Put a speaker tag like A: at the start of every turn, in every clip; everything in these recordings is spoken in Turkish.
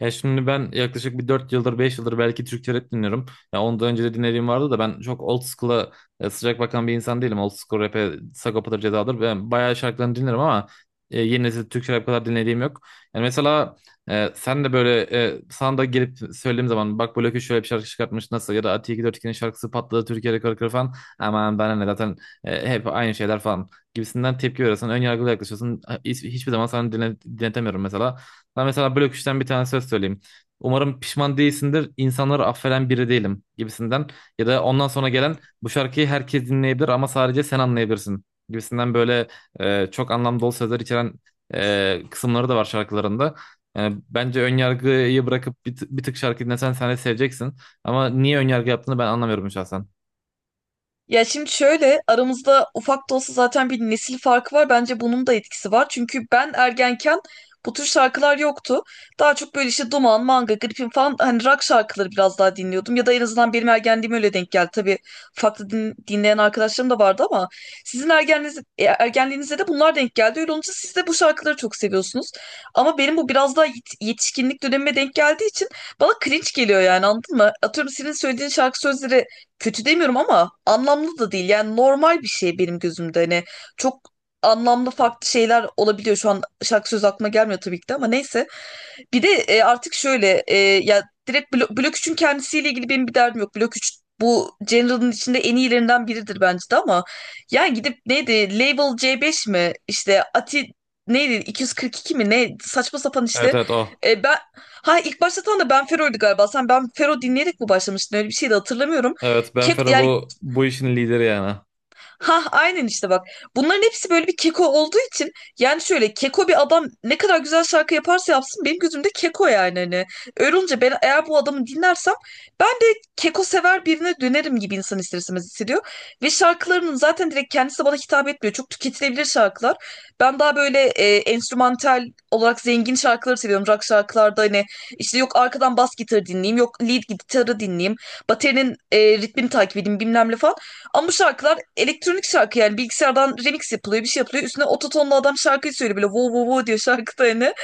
A: Ya şimdi ben yaklaşık bir 4 yıldır 5 yıldır belki Türkçe rap dinliyorum. Ya ondan önce de dinlediğim vardı da ben çok old school'a sıcak bakan bir insan değilim. Old school rap'e Sagopa'dır, Ceza'dır. Ben bayağı şarkılarını dinlerim ama yeni nesil Türkçe rap kadar dinlediğim yok. Yani mesela sen de böyle sana da gelip söylediğim zaman bak Blokü şöyle bir şarkı çıkartmış nasıl ya da Ati 242'nin şarkısı patladı Türkiye rekoru kırdı falan. Aman bana ne zaten hep aynı şeyler falan gibisinden tepki veriyorsun. Ön yargılı yaklaşıyorsun. Hiçbir zaman sana dinletemiyorum mesela. Ben mesela blok üçten bir tane söz söyleyeyim. Umarım pişman değilsindir, insanları affeden biri değilim gibisinden. Ya da ondan sonra gelen bu şarkıyı herkes dinleyebilir ama sadece sen anlayabilirsin gibisinden böyle çok anlam dolu sözler içeren kısımları da var şarkılarında. Yani bence ön yargıyı bırakıp bir tık şarkı dinlesen sen de seveceksin. Ama niye ön yargı yaptığını ben anlamıyorum şahsen.
B: Ya şimdi şöyle aramızda ufak da olsa zaten bir nesil farkı var. Bence bunun da etkisi var. Çünkü ben ergenken bu tür şarkılar yoktu. Daha çok böyle işte Duman, Manga, Gripin falan hani rock şarkıları biraz daha dinliyordum. Ya da en azından benim ergenliğim öyle denk geldi. Tabii farklı dinleyen arkadaşlarım da vardı ama sizin ergenliğiniz, ergenliğinizde de bunlar denk geldi. Öyle olunca siz de bu şarkıları çok seviyorsunuz. Ama benim bu biraz daha yetişkinlik dönemime denk geldiği için bana cringe geliyor, yani anladın mı? Atıyorum senin söylediğin şarkı sözleri kötü demiyorum ama anlamlı da değil. Yani normal bir şey benim gözümde. Hani çok anlamlı farklı şeyler olabiliyor. Şu an şarkı sözü aklıma gelmiyor tabii ki de ama neyse. Bir de artık şöyle ya direkt Blok üçün kendisiyle ilgili benim bir derdim yok. Blok üç bu General'ın içinde en iyilerinden biridir bence de ama yani gidip neydi Label C5 mi, işte Ati neydi 242 mi, ne saçma sapan
A: Evet,
B: işte.
A: evet o.
B: Ben ha, ilk başlatan da Ben Fero'ydu galiba. Sen Ben Fero dinleyerek mi başlamıştın, öyle bir şey de hatırlamıyorum.
A: Evet, Ben
B: Kek,
A: Fero
B: yani
A: bu işin lideri yani.
B: ha, aynen işte bak. Bunların hepsi böyle bir keko olduğu için yani şöyle keko bir adam ne kadar güzel şarkı yaparsa yapsın benim gözümde keko yani hani. Öyle olunca ben eğer bu adamı dinlersem ben de keko sever birine dönerim gibi, insan ister istemez hissediyor. Ve şarkılarının zaten direkt kendisi de bana hitap etmiyor. Çok tüketilebilir şarkılar. Ben daha böyle enstrümantal olarak zengin şarkıları seviyorum. Rock şarkılarda hani işte yok arkadan bas gitarı dinleyeyim, yok lead gitarı dinleyeyim, baterinin ritmini takip edeyim bilmem ne falan. Ama bu şarkılar elektronik şarkı, yani bilgisayardan remix yapılıyor, bir şey yapılıyor. Üstüne ototonla adam şarkıyı söylüyor, böyle wow wow wow diyor şarkıda hani.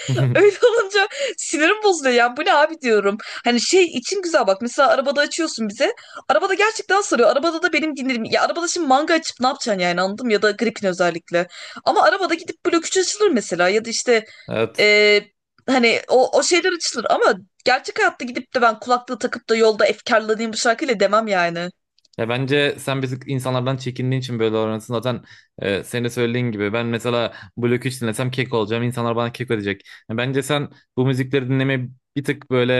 B: Öyle olunca sinirim bozuluyor, yani bu ne abi diyorum. Hani şey için güzel bak, mesela arabada açıyorsun bize. Arabada gerçekten sarıyor. Arabada da benim dinlerim. Ya arabada şimdi Manga açıp ne yapacaksın yani, anladım, ya da Gripin özellikle. Ama arabada gidip Blok 3 açılır mesela, ya da işte
A: Evet.
B: e, hani o, o şeyler açılır ama gerçek hayatta gidip de ben kulaklığı takıp da yolda efkarlanayım bu şarkıyla demem yani.
A: Ya bence sen biz insanlardan çekindiğin için böyle davranıyorsun. Zaten senin de söylediğin gibi ben mesela Blok 3 dinlesem kek olacağım. İnsanlar bana kek ödeyecek. Ya bence sen bu müzikleri dinlemeyi bir tık böyle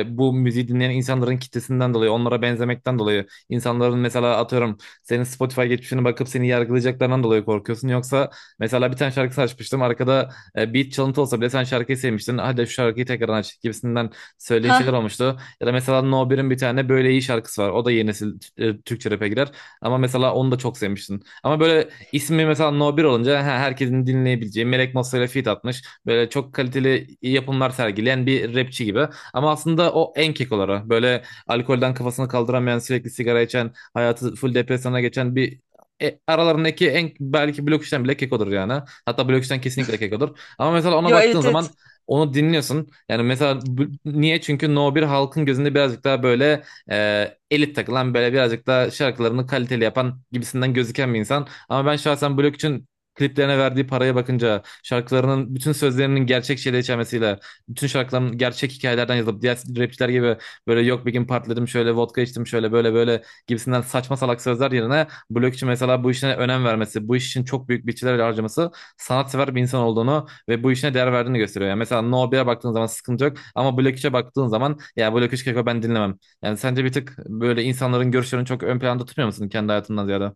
A: bu müziği dinleyen insanların kitlesinden dolayı, onlara benzemekten dolayı, insanların mesela atıyorum senin Spotify geçmişine bakıp seni yargılayacaklarından dolayı korkuyorsun. Yoksa mesela bir tane şarkı açmıştım. Arkada beat çalıntı olsa bile sen şarkıyı sevmiştin. Hadi şu şarkıyı tekrar aç gibisinden söylediğin şeyler
B: Ha,
A: olmuştu. Ya da mesela No Bir'in bir tane böyle iyi şarkısı var. O da yeni nesil Türkçe rap'e girer. Ama mesela onu da çok sevmiştin. Ama böyle ismi mesela No Bir olunca herkesin dinleyebileceği Melek Mossa ile feat atmış. Böyle çok kaliteli yapımlar sergileyen bir rapçi gibi. Ama aslında o en kekoları. Böyle alkolden kafasını kaldıramayan, sürekli sigara içen, hayatı full depresyona geçen bir aralarındaki en belki blok işten bile kekodur yani. Hatta blok işten kesinlikle kekodur. Ama mesela ona
B: yo,
A: baktığın
B: evet, evet.
A: zaman onu dinliyorsun. Yani mesela niye? Çünkü No bir halkın gözünde birazcık daha böyle elit takılan böyle birazcık daha şarkılarını kaliteli yapan gibisinden gözüken bir insan. Ama ben şahsen Blok için kliplerine verdiği paraya bakınca şarkılarının bütün sözlerinin gerçek şeyleri içermesiyle bütün şarkıların gerçek hikayelerden yazılıp diğer rapçiler gibi böyle yok bir gün partiledim şöyle vodka içtim şöyle böyle böyle gibisinden saçma salak sözler yerine Blok için mesela bu işine önem vermesi bu iş için çok büyük bütçeler harcaması sanatsever bir insan olduğunu ve bu işine değer verdiğini gösteriyor. Yani mesela No 1'e baktığın zaman sıkıntı yok. Ama Black 3'e baktığın zaman ya Black 3 Keko ben dinlemem. Yani sence bir tık böyle insanların görüşlerini çok ön planda tutmuyor musun kendi hayatından ziyade?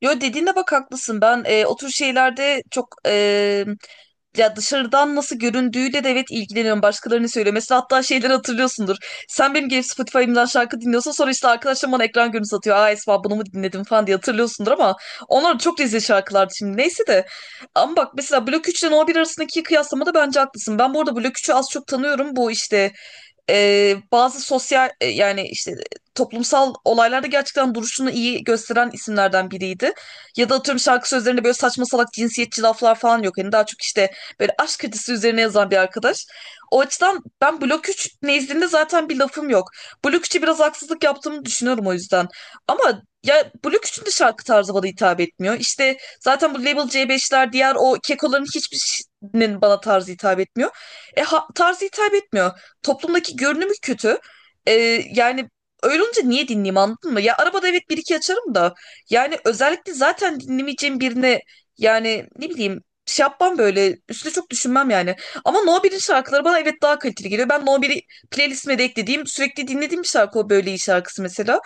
B: Yo, dediğine bak, haklısın. Ben o tür şeylerde çok ya dışarıdan nasıl göründüğüyle de evet ilgileniyorum. Başkalarının söylemesi, hatta şeyleri hatırlıyorsundur. Sen benim gelip Spotify'ımdan şarkı dinliyorsun, sonra işte arkadaşlarım bana ekran görüntüsü atıyor. Aa, Esma bunu mu dinledim falan diye hatırlıyorsundur ama onlar çok rezil şarkılardı şimdi. Neyse de ama bak, mesela Blok 3 ile No 1 arasındaki kıyaslamada bence haklısın. Ben bu arada Blok üçü az çok tanıyorum. Bu işte bazı sosyal, yani işte toplumsal olaylarda gerçekten duruşunu iyi gösteren isimlerden biriydi. Ya da atıyorum şarkı sözlerinde böyle saçma salak cinsiyetçi laflar falan yok. Yani daha çok işte böyle aşk kredisi üzerine yazan bir arkadaş. O açıdan ben Blok 3 nezdinde zaten bir lafım yok. Blok 3'e biraz haksızlık yaptığımı düşünüyorum o yüzden. Ama ya Blok 3'ün de şarkı tarzı bana hitap etmiyor. İşte zaten bu Label C5'ler, diğer o kekoların hiçbirinin bana tarzı hitap etmiyor. Tarzı hitap etmiyor. Toplumdaki görünümü kötü. Ee, Yani öyle olunca niye dinleyeyim, anladın mı? Ya arabada evet bir iki açarım da yani özellikle zaten dinlemeyeceğim birine yani ne bileyim şey yapmam, böyle üstüne çok düşünmem yani. Ama No 1'in şarkıları bana evet daha kaliteli geliyor. Ben No 1'i playlistime de eklediğim, sürekli dinlediğim bir şarkı o, böyle iyi şarkısı mesela.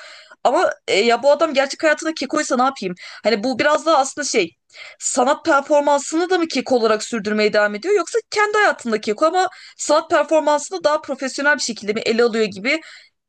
B: Ama ya bu adam gerçek hayatında kekoysa ne yapayım? Hani bu biraz daha aslında şey, sanat performansını da mı keko olarak sürdürmeye devam ediyor, yoksa kendi hayatında keko ama sanat performansını daha profesyonel bir şekilde mi ele alıyor gibi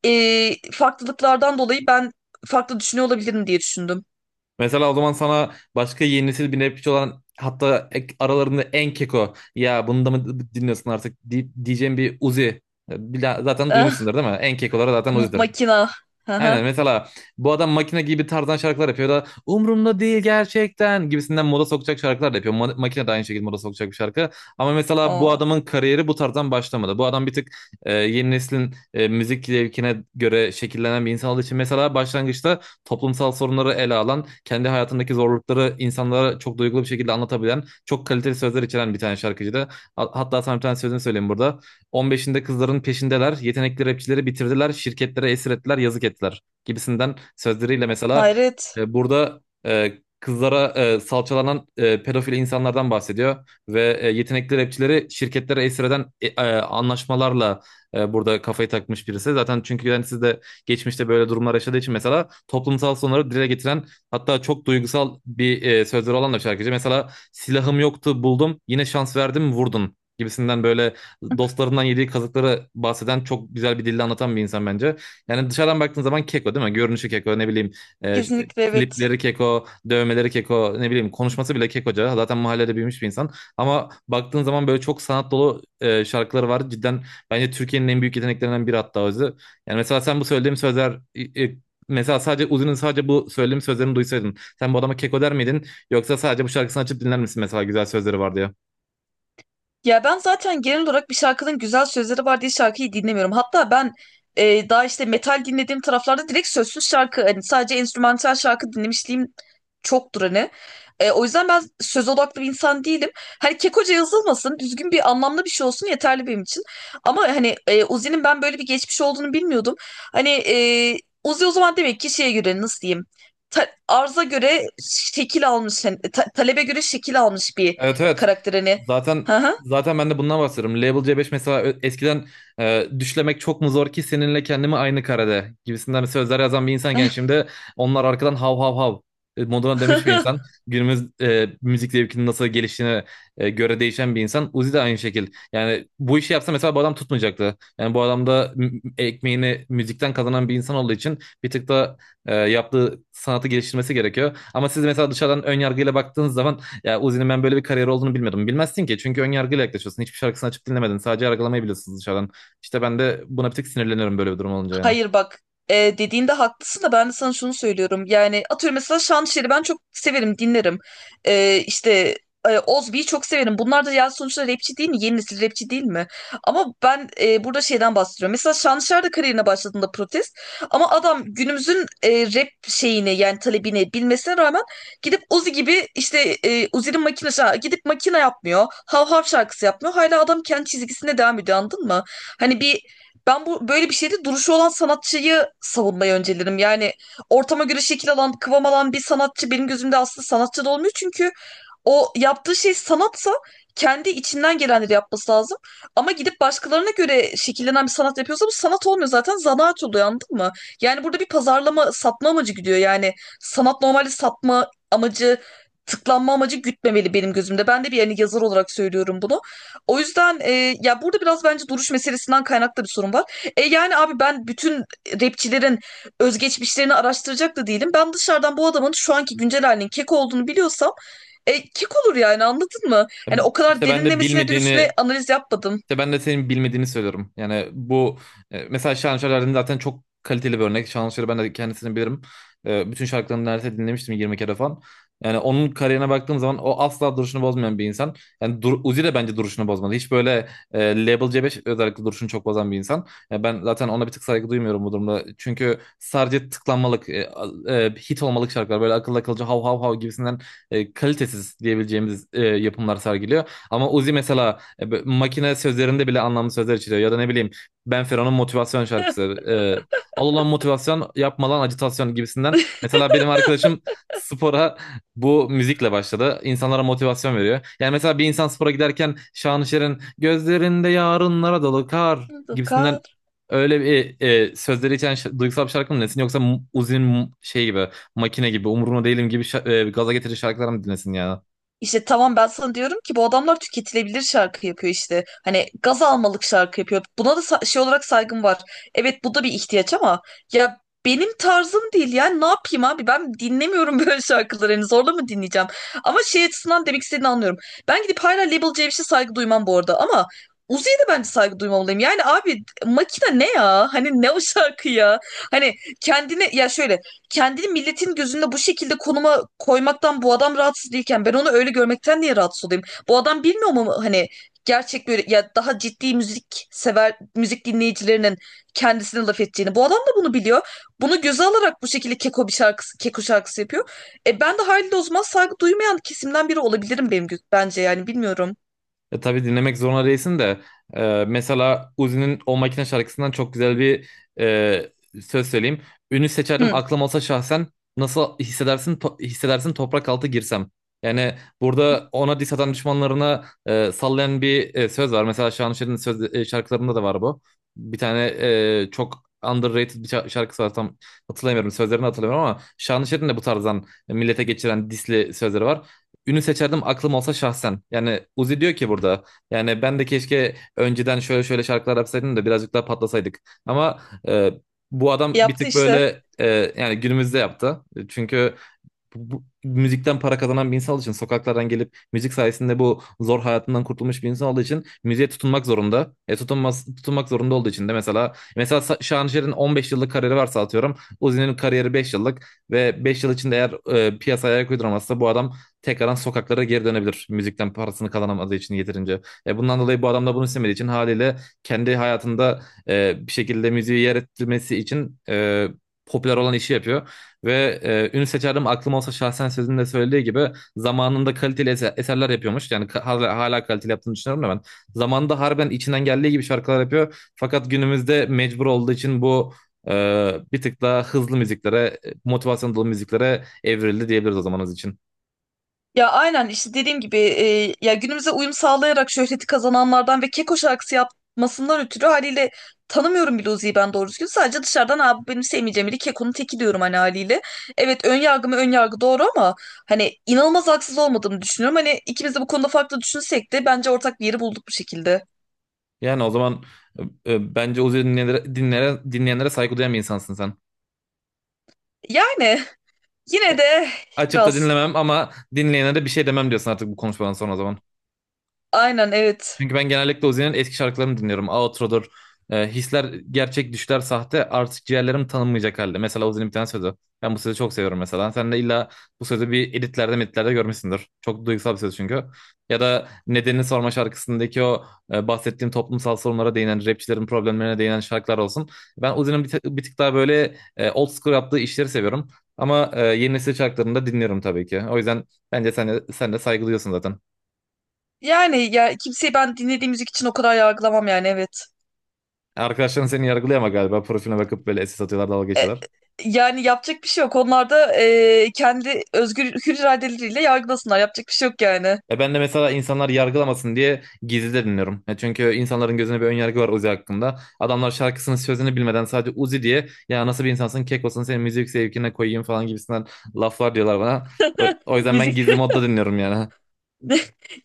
B: farklılıklardan dolayı ben farklı düşünüyor olabilirim diye düşündüm.
A: Mesela o zaman sana başka yeni nesil bir rapçi olan hatta aralarında en keko ya bunu da mı dinliyorsun artık diyeceğim bir Uzi. Zaten
B: Eh,
A: duymuşsundur değil mi? En kekoları zaten Uzi'dir.
B: makina. Hı hı.
A: Aynen mesela bu adam makine gibi tarzdan şarkılar yapıyor da umurumda değil gerçekten gibisinden moda sokacak şarkılar da yapıyor. Makine de aynı şekilde moda sokacak bir şarkı. Ama mesela bu
B: O.
A: adamın kariyeri bu tarzdan başlamadı. Bu adam bir tık yeni neslin müzik zevkine göre şekillenen bir insan olduğu için mesela başlangıçta toplumsal sorunları ele alan, kendi hayatındaki zorlukları insanlara çok duygulu bir şekilde anlatabilen, çok kaliteli sözler içeren bir tane şarkıcıydı. Hatta sana bir tane sözünü söyleyeyim burada. 15'inde kızların peşindeler, yetenekli rapçileri bitirdiler, şirketlere esir ettiler, yazık ettiler gibisinden sözleriyle mesela
B: Hayret.
A: burada e, kızlara salçalanan pedofil insanlardan bahsediyor ve yetenekli rapçileri şirketlere esir eden anlaşmalarla burada kafayı takmış birisi. Zaten çünkü yani siz de geçmişte böyle durumlar yaşadığı için mesela toplumsal sorunları dile getiren hatta çok duygusal bir sözleri olan da şarkıcı. Mesela silahım yoktu buldum yine şans verdim vurdun gibisinden böyle dostlarından yediği kazıkları bahseden çok güzel bir dille anlatan bir insan bence. Yani dışarıdan baktığın zaman keko değil mi? Görünüşü keko ne bileyim e,
B: Kesinlikle evet.
A: klipleri keko, dövmeleri keko ne bileyim konuşması bile kekoca. Zaten mahallede büyümüş bir insan. Ama baktığın zaman böyle çok sanat dolu şarkıları var. Cidden bence Türkiye'nin en büyük yeteneklerinden biri hatta özü. Yani mesela sen bu söylediğim sözler. Mesela sadece Uzi'nin sadece bu söylediğim sözlerini duysaydın. Sen bu adama keko der miydin? Yoksa sadece bu şarkısını açıp dinler misin mesela güzel sözleri vardı ya.
B: Ya ben zaten genel olarak bir şarkının güzel sözleri var diye şarkıyı dinlemiyorum. Hatta ben daha işte metal dinlediğim taraflarda direkt sözsüz şarkı, hani sadece enstrümantal şarkı dinlemişliğim çoktur hani. O yüzden ben söz odaklı bir insan değilim. Hani kekoca yazılmasın, düzgün bir anlamlı bir şey olsun, yeterli benim için. Ama hani Uzi'nin ben böyle bir geçmiş olduğunu bilmiyordum. Hani Uzi o zaman demek ki şeye göre nasıl diyeyim? Arza göre şekil almış, hani, talebe göre şekil almış bir
A: Evet, evet.
B: karakter hani.
A: Zaten
B: Hı hı.
A: zaten ben de bundan bahsediyorum. Label C5 mesela eskiden düşlemek çok mu zor ki seninle kendimi aynı karede gibisinden sözler yazan bir insanken şimdi onlar arkadan hav hav hav moduna dönmüş bir insan. Günümüz müzik zevkinin nasıl geliştiğine göre değişen bir insan. Uzi de aynı şekil. Yani bu işi yapsa mesela bu adam tutmayacaktı. Yani bu adam da ekmeğini müzikten kazanan bir insan olduğu için bir tık da yaptığı sanatı geliştirmesi gerekiyor. Ama siz mesela dışarıdan ön yargıyla baktığınız zaman ya Uzi'nin ben böyle bir kariyer olduğunu bilmiyordum. Bilmezsin ki çünkü ön yargıyla yaklaşıyorsun. Hiçbir şarkısını açıp dinlemedin. Sadece yargılamayı biliyorsun dışarıdan. İşte ben de buna bir tık sinirleniyorum böyle bir durum olunca yani.
B: Hayır bak, dediğinde haklısın da ben de sana şunu söylüyorum. Yani atıyorum mesela Şanışer'i ben çok severim, dinlerim. İşte Ozbi'yi çok severim. Bunlar da ya sonuçta rapçi değil mi? Yeni nesil rapçi değil mi? Ama ben burada şeyden bahsediyorum. Mesela Şanışer de kariyerine başladığında protest. Ama adam günümüzün rap şeyini yani talebini bilmesine rağmen gidip Uzi gibi işte Uzi'nin makinesi ha, gidip makine yapmıyor. Hav hav şarkısı yapmıyor. Hala adam kendi çizgisinde devam ediyor, anladın mı? Hani bir, ben bu böyle bir şeyde duruşu olan sanatçıyı savunmayı öncelerim. Yani ortama göre şekil alan, kıvam alan bir sanatçı benim gözümde aslında sanatçı da olmuyor. Çünkü o yaptığı şey sanatsa kendi içinden gelenleri yapması lazım. Ama gidip başkalarına göre şekillenen bir sanat yapıyorsa bu sanat olmuyor, zaten zanaat oluyor, anladın mı? Yani burada bir pazarlama, satma amacı gidiyor. Yani sanat normalde satma amacı, tıklanma amacı gütmemeli benim gözümde. Ben de bir yani yazar olarak söylüyorum bunu. O yüzden ya burada biraz bence duruş meselesinden kaynaklı bir sorun var. E yani abi ben bütün rapçilerin özgeçmişlerini araştıracak da değilim. Ben dışarıdan bu adamın şu anki güncel halinin kek olduğunu biliyorsam kek olur yani, anladın mı? Hani o kadar
A: İşte ben de
B: derinlemesine de üstüne
A: bilmediğini
B: analiz yapmadım.
A: İşte ben de senin bilmediğini söylüyorum. Yani bu mesela Şahan Şalar'ın zaten çok kaliteli bir örnek. Şahan Şalar'ı ben de kendisini bilirim. Bütün şarkılarını neredeyse dinlemiştim 20 kere falan. Yani onun kariyerine baktığım zaman o asla duruşunu bozmayan bir insan. Yani dur, Uzi de bence duruşunu bozmadı. Hiç böyle Label C5 özellikle duruşunu çok bozan bir insan. Yani ben zaten ona bir tık saygı duymuyorum bu durumda. Çünkü sadece tıklanmalık, hit olmalık şarkılar böyle akıllı akılcı hav hav hav gibisinden kalitesiz diyebileceğimiz yapımlar sergiliyor. Ama Uzi mesela makine sözlerinde bile anlamlı sözler içeriyor. Ya da ne bileyim Ben Fero'nun motivasyon şarkısı. E, Al ulan motivasyon yapma lan acitasyon gibisinden. Mesela benim arkadaşım spora bu müzikle başladı. İnsanlara motivasyon veriyor. Yani mesela bir insan spora giderken Şanışer'in gözlerinde yarınlara dolu kar gibisinden öyle bir sözleri içeren duygusal bir şarkı mı dinlesin yoksa Uzi'nin şey gibi makine gibi umurumda değilim gibi gaza getirici şarkılar mı dinlesin yani?
B: İşte tamam, ben sana diyorum ki bu adamlar tüketilebilir şarkı yapıyor işte. Hani gaz almalık şarkı yapıyor. Buna da şey olarak saygım var. Evet bu da bir ihtiyaç ama ya benim tarzım değil yani ne yapayım abi, ben dinlemiyorum böyle şarkıları, hani zorla mı dinleyeceğim? Ama şey açısından demek istediğini anlıyorum. Ben gidip hala Label C'ye saygı duymam bu arada ama Uzi'ye de bence saygı duymamalıyım. Yani abi makine ne ya? Hani ne o şarkı ya? Hani kendine ya şöyle kendini milletin gözünde bu şekilde konuma koymaktan bu adam rahatsız değilken ben onu öyle görmekten niye rahatsız olayım? Bu adam bilmiyor mu hani gerçek böyle ya daha ciddi müzik sever müzik dinleyicilerinin kendisine laf ettiğini. Bu adam da bunu biliyor. Bunu göze alarak bu şekilde keko bir şarkısı, keko şarkısı yapıyor. E ben de haliyle o zaman saygı duymayan kesimden biri olabilirim benim bence yani, bilmiyorum.
A: Tabii dinlemek zorunda değilsin de mesela Uzi'nin O Makine şarkısından çok güzel bir e, söz söyleyeyim. Ünü seçerdim
B: Hı,
A: aklım olsa şahsen nasıl hissedersin hissedersin toprak altı girsem. Yani burada ona diss atan düşmanlarına sallayan bir söz var. Mesela Şanışer'in söz şarkılarında da var bu. Bir tane çok underrated bir şarkısı var tam hatırlamıyorum sözlerini hatırlamıyorum ama Şanışer'in de bu tarzdan millete geçiren disli sözleri var. Ünü seçerdim aklım olsa şahsen. Yani Uzi diyor ki burada. Yani ben de keşke önceden şöyle şöyle şarkılar yapsaydım da birazcık daha patlasaydık. Ama e, bu adam bir
B: yaptı
A: tık
B: işte.
A: böyle yani günümüzde yaptı. Çünkü bu müzikten para kazanan bir insan olduğu için sokaklardan gelip müzik sayesinde bu zor hayatından kurtulmuş bir insan olduğu için müziğe tutunmak zorunda. Tutunmak zorunda olduğu için de mesela Şanışer'in 15 yıllık kariyeri varsa atıyorum Uzi'nin kariyeri 5 yıllık ve 5 yıl içinde eğer piyasaya ayak uyduramazsa bu adam tekrardan sokaklara geri dönebilir. Müzikten parasını kazanamadığı için yeterince. Bundan dolayı bu adam da bunu istemediği için haliyle kendi hayatında bir şekilde müziği yer ettirmesi için popüler olan işi yapıyor. Ve ünlü seçerdim aklım olsa şahsen sözünde söylediği gibi zamanında kaliteli eserler yapıyormuş. Yani ka- hala, hala kaliteli yaptığını düşünüyorum da ben. Zamanında harbiden içinden geldiği gibi şarkılar yapıyor. Fakat günümüzde mecbur olduğu için bu e, bir tık daha hızlı müziklere, motivasyon dolu müziklere evrildi diyebiliriz o zamanız için.
B: Ya aynen işte dediğim gibi ya günümüze uyum sağlayarak şöhreti kazananlardan ve Keko şarkısı yapmasından ötürü haliyle tanımıyorum bile Uzi'yi ben doğru düzgün. Sadece dışarıdan abi benim sevmeyeceğim biri, Keko'nun teki diyorum hani haliyle. Evet, ön yargı mı ön yargı, doğru ama hani inanılmaz haksız olmadığını düşünüyorum. Hani ikimiz de bu konuda farklı düşünsek de bence ortak bir yeri bulduk bu şekilde.
A: Yani o zaman bence Uzi dinleyenlere saygı duyan bir insansın sen.
B: Yani yine de
A: Açıp da
B: biraz,
A: dinlemem ama dinleyenlere bir şey demem diyorsun artık bu konuşmadan sonra o zaman.
B: aynen, evet.
A: Çünkü ben genellikle Ozi'nin eski şarkılarını dinliyorum. Outro'dur. Hisler gerçek, düşler sahte. Artık ciğerlerim tanınmayacak halde. Mesela Ozi'nin bir tane sözü. Ben bu sözü çok seviyorum mesela. Sen de illa bu sözü bir editlerde meditlerde görmüşsündür. Çok duygusal bir söz çünkü. Ya da Nedenini Sorma şarkısındaki o bahsettiğim toplumsal sorunlara değinen, rapçilerin problemlerine değinen şarkılar olsun. Ben Ozi'nin bir tık daha böyle old school yaptığı işleri seviyorum. Ama yeni nesil şarkılarını da dinliyorum tabii ki. O yüzden bence sen de saygılıyorsun zaten.
B: Yani ya kimseyi ben dinlediğim müzik için o kadar yargılamam yani, evet.
A: Arkadaşların seni yargılıyor galiba profiline bakıp böyle SS atıyorlar dalga
B: E,
A: geçiyorlar.
B: Yani yapacak bir şey yok. Onlar da kendi özgür hür iradeleriyle yargılasınlar. Yapacak bir şey yok yani.
A: Ben de mesela insanlar yargılamasın diye gizli de dinliyorum. Çünkü insanların gözünde bir ön yargı var Uzi hakkında. Adamlar şarkısının sözünü bilmeden sadece Uzi diye ya nasıl bir insansın kek olsun senin müzik zevkine koyayım falan gibisinden laflar diyorlar bana. O yüzden ben
B: Müzik.
A: gizli modda dinliyorum yani.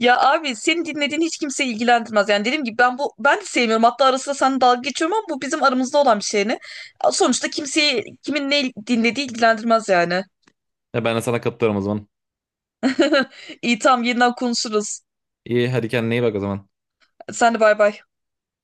B: Ya abi senin dinlediğin hiç kimseyi ilgilendirmez. Yani dediğim gibi ben bu, ben de sevmiyorum. Hatta ara sıra seninle dalga geçiyorum ama bu bizim aramızda olan bir şey, ne? Sonuçta kimseyi kimin ne dinlediği ilgilendirmez yani.
A: Ben de sana katılıyorum o zaman.
B: İyi tamam, yeniden konuşuruz.
A: İyi hadi kendine iyi bak o zaman.
B: Sen de bay bay.